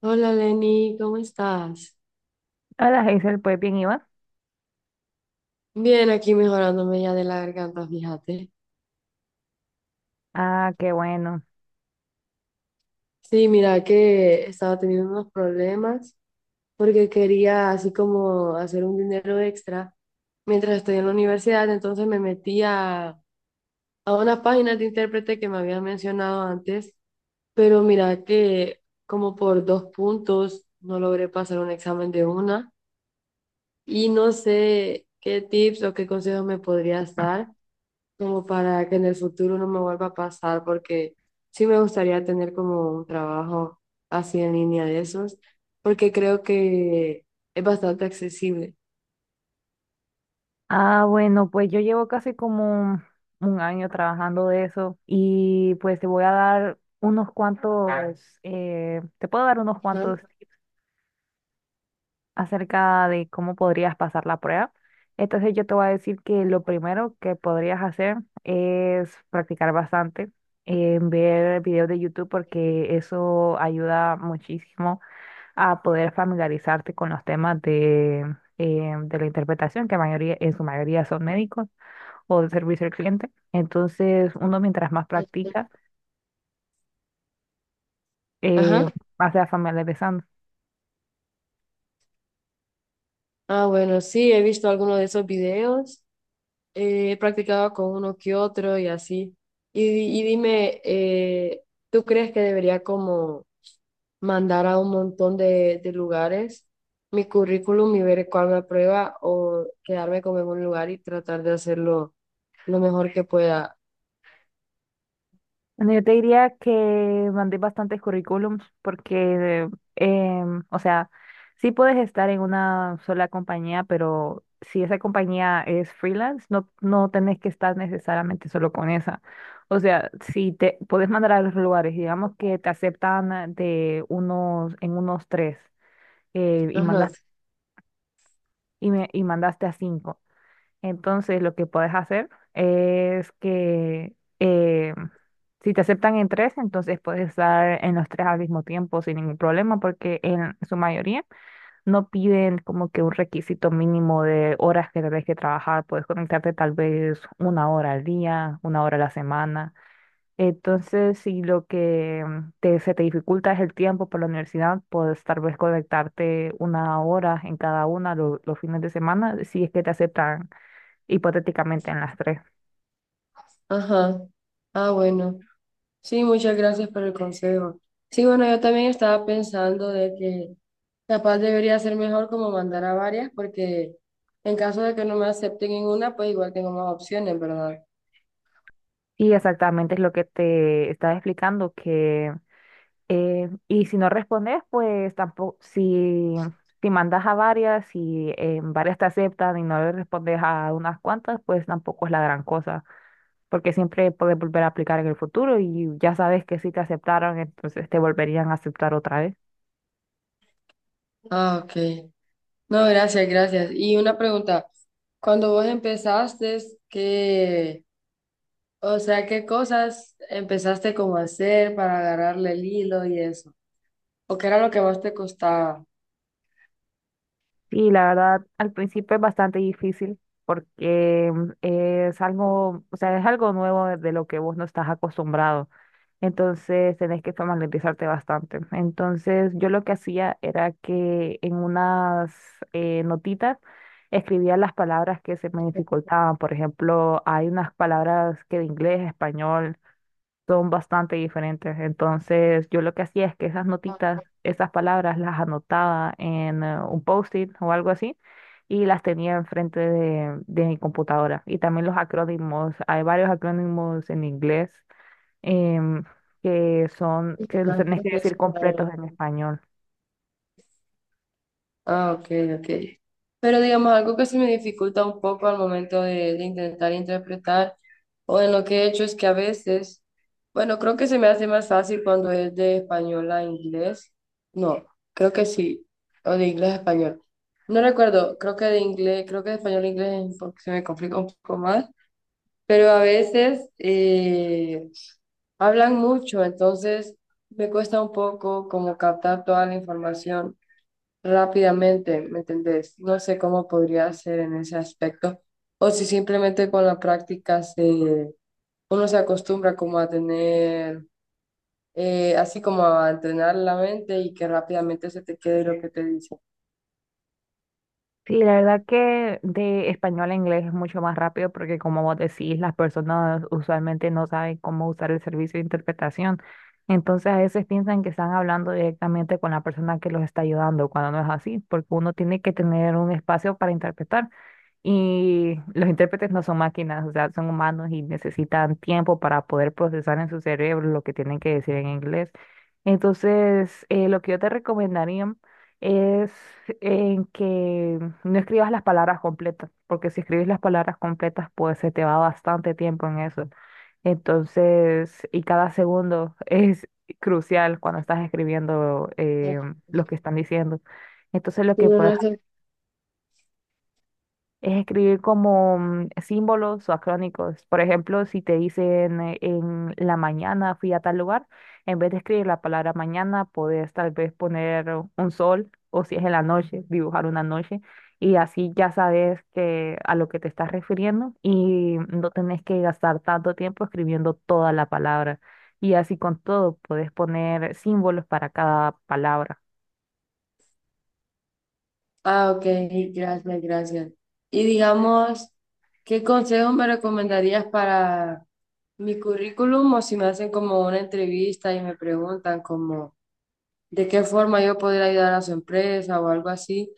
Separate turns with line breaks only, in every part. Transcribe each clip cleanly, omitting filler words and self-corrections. Hola Lenny, ¿cómo estás?
Hola, Hazel, pues bien, ¿y vas?
Bien, aquí mejorándome ya de la garganta, fíjate.
Ah, qué bueno.
Sí, mira que estaba teniendo unos problemas porque quería así como hacer un dinero extra mientras estoy en la universidad, entonces me metí a unas páginas de intérprete que me habían mencionado antes, pero mira que como por dos puntos no logré pasar un examen de una y no sé qué tips o qué consejos me podrías dar como para que en el futuro no me vuelva a pasar, porque sí me gustaría tener como un trabajo así en línea de esos, porque creo que es bastante accesible.
Ah, bueno, pues yo llevo casi como un año trabajando de eso y pues te voy a dar te puedo dar unos
Ajá.
cuantos tips acerca de cómo podrías pasar la prueba. Entonces yo te voy a decir que lo primero que podrías hacer es practicar bastante, ver videos de YouTube porque eso ayuda muchísimo a poder familiarizarte con los temas de la interpretación, que en su mayoría son médicos o de servicio al cliente. Entonces, uno mientras más practica, eh,
Ajá.
más se va familiarizando.
Ah, bueno, sí, he visto algunos de esos videos, he practicado con uno que otro y así. Y, y dime, ¿tú crees que debería como mandar a un montón de lugares mi currículum y ver cuál me aprueba o quedarme como en un lugar y tratar de hacerlo lo mejor que pueda?
Bueno, yo te diría que mandé bastantes currículums porque, o sea, sí puedes estar en una sola compañía, pero si esa compañía es freelance, no, no tenés que estar necesariamente solo con esa. O sea, si te puedes mandar a los lugares, digamos que te aceptan ah, de en unos tres, y
Ajá,
mandas, y mandaste a cinco. Entonces, lo que puedes hacer es que eh, si te aceptan en tres, entonces puedes estar en los tres al mismo tiempo sin ningún problema, porque en su mayoría no piden como que un requisito mínimo de horas que debes que trabajar. Puedes conectarte tal vez una hora al día, una hora a la semana. Entonces, si lo que se te dificulta es el tiempo por la universidad, puedes tal vez conectarte una hora en cada una los fines de semana, si es que te aceptan hipotéticamente en las tres.
ajá. Ah, bueno. Sí, muchas gracias por el consejo. Sí, bueno, yo también estaba pensando de que capaz debería ser mejor como mandar a varias porque en caso de que no me acepten en una, pues igual tengo más opciones, ¿verdad?
Sí, exactamente es lo que te estaba explicando, que y si no respondes, pues tampoco, si mandas a varias y en varias te aceptan y no le respondes a unas cuantas, pues tampoco es la gran cosa, porque siempre puedes volver a aplicar en el futuro y ya sabes que si te aceptaron, entonces te volverían a aceptar otra vez.
Ah, ok. No, gracias, gracias. Y una pregunta, cuando vos empezaste, ¿qué, o sea, qué cosas empezaste como a hacer para agarrarle el hilo y eso? ¿O qué era lo que más te costaba?
Y la verdad, al principio es bastante difícil porque es algo, o sea, es algo nuevo de lo que vos no estás acostumbrado. Entonces tenés que familiarizarte bastante. Entonces yo lo que hacía era que en unas notitas escribía las palabras que se me dificultaban. Por ejemplo, hay unas palabras que de inglés a español son bastante diferentes. Entonces yo lo que hacía es que esas
Ah,
notitas, esas palabras las anotaba en un post-it o algo así y las tenía enfrente de mi computadora. Y también los acrónimos. Hay varios acrónimos en inglés em, que son,
pues,
que
la
los tenés
gente,
que
pues,
decir
a
completos
ver.
en español.
Ah, ok, ok. Pero digamos, algo que se me dificulta un poco al momento de intentar interpretar o en lo que he hecho es que a veces, bueno, creo que se me hace más fácil cuando es de español a inglés. No, creo que sí, o de inglés a español. No recuerdo, creo que de inglés, creo que de español a inglés es porque se me complica un poco más, pero a veces hablan mucho, entonces me cuesta un poco como captar toda la información rápidamente, ¿me entendés? No sé cómo podría ser en ese aspecto. O si simplemente con la práctica uno se acostumbra como a tener, así como a entrenar la mente y que rápidamente se te quede lo que te dice.
Sí, la verdad que de español a inglés es mucho más rápido porque como vos decís, las personas usualmente no saben cómo usar el servicio de interpretación. Entonces a veces piensan que están hablando directamente con la persona que los está ayudando, cuando no es así, porque uno tiene que tener un espacio para interpretar. Y los intérpretes no son máquinas, o sea, son humanos y necesitan tiempo para poder procesar en su cerebro lo que tienen que decir en inglés. Entonces, lo que yo te recomendaría es en que no escribas las palabras completas, porque si escribes las palabras completas, pues se te va bastante tiempo en eso. Entonces, y cada segundo es crucial cuando estás escribiendo lo que están diciendo. Entonces, lo que
Pero
puedes
no sé.
es escribir como símbolos o acrónicos. Por ejemplo, si te dicen en la mañana fui a tal lugar, en vez de escribir la palabra mañana, puedes tal vez poner un sol o si es en la noche, dibujar una noche y así ya sabes que a lo que te estás refiriendo y no tenés que gastar tanto tiempo escribiendo toda la palabra. Y así con todo, puedes poner símbolos para cada palabra.
Ah, ok, gracias, gracias. Y digamos, ¿qué consejos me recomendarías para mi currículum o si me hacen como una entrevista y me preguntan como de qué forma yo podría ayudar a su empresa o algo así,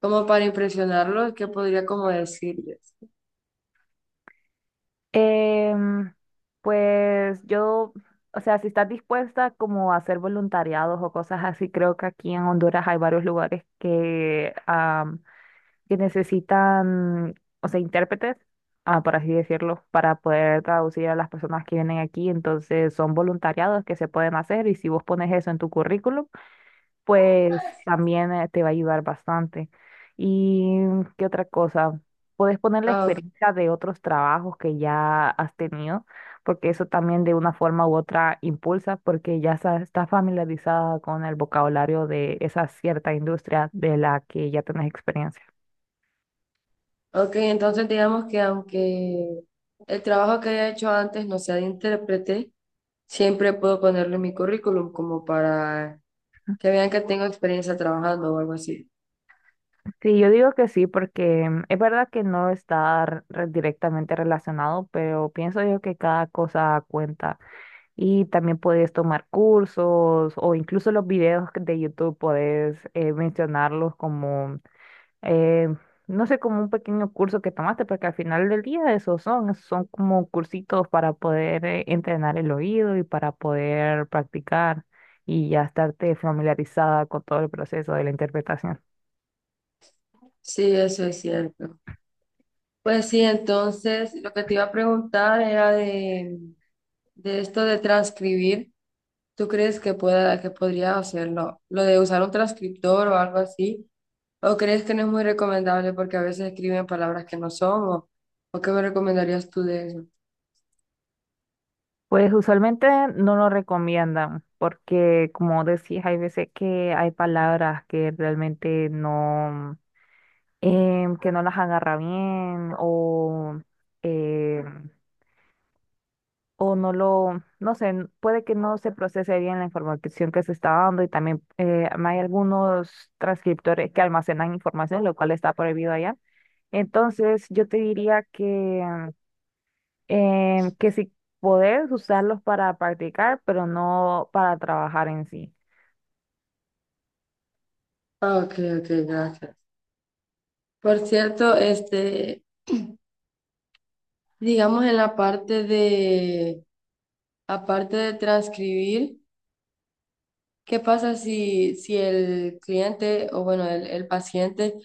como para impresionarlos, qué podría como decirles?
Em, pues yo, o sea, si estás dispuesta como a hacer voluntariados o cosas así, creo que aquí en Honduras hay varios lugares que, que necesitan, o sea, intérpretes, ah, por así decirlo, para poder traducir a las personas que vienen aquí. Entonces son voluntariados que se pueden hacer y si vos pones eso en tu currículum, pues también te va a ayudar bastante. ¿Y qué otra cosa? Puedes poner la
Ah, ok.
experiencia de otros trabajos que ya has tenido, porque eso también de una forma u otra impulsa, porque estás familiarizada con el vocabulario de esa cierta industria de la que ya tenés experiencia.
Ok, entonces digamos que aunque el trabajo que haya hecho antes no sea de intérprete, siempre puedo ponerlo en mi currículum como para que vean que tengo experiencia trabajando o algo así.
Sí, yo digo que sí, porque es verdad que no está directamente relacionado, pero pienso yo que cada cosa cuenta. Y también puedes tomar cursos o incluso los videos de YouTube puedes mencionarlos como, eh, no sé, como un pequeño curso que tomaste, porque al final del día esos son, son como cursitos para poder entrenar el oído y para poder practicar y ya estarte familiarizada con todo el proceso de la interpretación.
Sí, eso es cierto. Pues sí, entonces lo que te iba a preguntar era de esto de transcribir. ¿Tú crees que pueda, que podría hacerlo? Lo de usar un transcriptor o algo así. ¿O crees que no es muy recomendable porque a veces escriben palabras que no son? ¿O qué me recomendarías tú de eso?
Pues usualmente no lo recomiendan porque, como decías, hay veces que hay palabras que realmente que no las agarra bien o, em, o no lo, no sé, puede que no se procese bien la información que se está dando y también hay algunos transcriptores que almacenan información, lo cual está prohibido allá. Entonces, yo te diría que, que si podés usarlos para practicar, pero no para trabajar en sí.
Ah, ok, ok, gracias. Por cierto, este, digamos en la parte aparte de transcribir, ¿qué pasa si el cliente o bueno, el paciente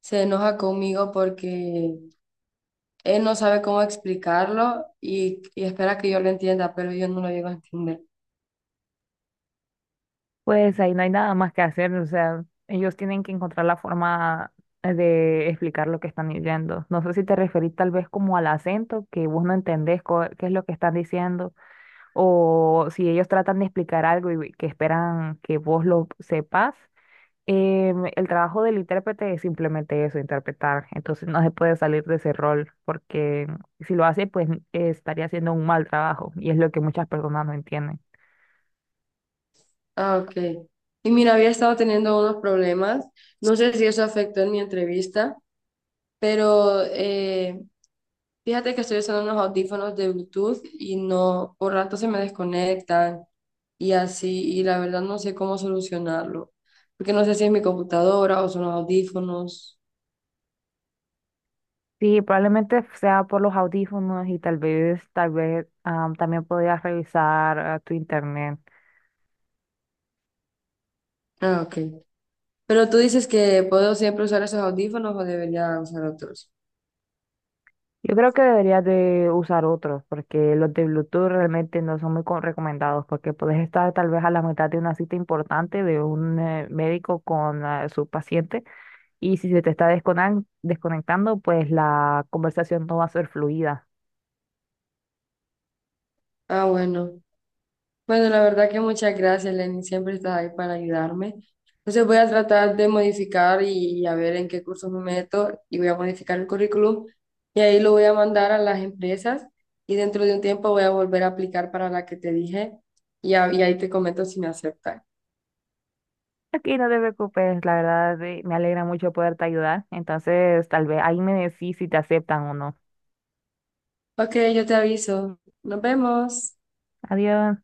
se enoja conmigo porque él no sabe cómo explicarlo y espera que yo lo entienda, pero yo no lo llego a entender.
Pues ahí no hay nada más que hacer, o sea, ellos tienen que encontrar la forma de explicar lo que están diciendo. No sé si te referís tal vez como al acento, que vos no entendés qué es lo que están diciendo, o si ellos tratan de explicar algo y que esperan que vos lo sepas. El trabajo del intérprete es simplemente eso, interpretar. Entonces no se puede salir de ese rol, porque si lo hace, pues estaría haciendo un mal trabajo, y es lo que muchas personas no entienden.
Ah, ok. Y mira, había estado teniendo unos problemas. No sé si eso afectó en mi entrevista, pero fíjate que estoy usando unos audífonos de Bluetooth y no, por rato se me desconectan y así, y la verdad no sé cómo solucionarlo, porque no sé si es mi computadora o son los audífonos.
Sí, probablemente sea por los audífonos y tal vez también podrías revisar ah, tu internet.
Ah, ok. Pero tú dices que puedo siempre usar esos audífonos o debería usar otros.
Yo creo que deberías de usar otros porque los de Bluetooth realmente no son muy recomendados porque puedes estar tal vez a la mitad de una cita importante de un médico con ah, su paciente y si se te está desconectando, pues la conversación no va a ser fluida.
Ah, bueno. Bueno, la verdad que muchas gracias, Lenny. Siempre estás ahí para ayudarme. Entonces voy a tratar de modificar y a ver en qué cursos me meto y voy a modificar el currículum y ahí lo voy a mandar a las empresas y dentro de un tiempo voy a volver a aplicar para la que te dije y, y ahí te comento si me aceptan.
Aquí no te preocupes, la verdad me alegra mucho poderte ayudar. Entonces, tal vez ahí me decís si te aceptan o no.
Ok, yo te aviso. Nos vemos.
Adiós.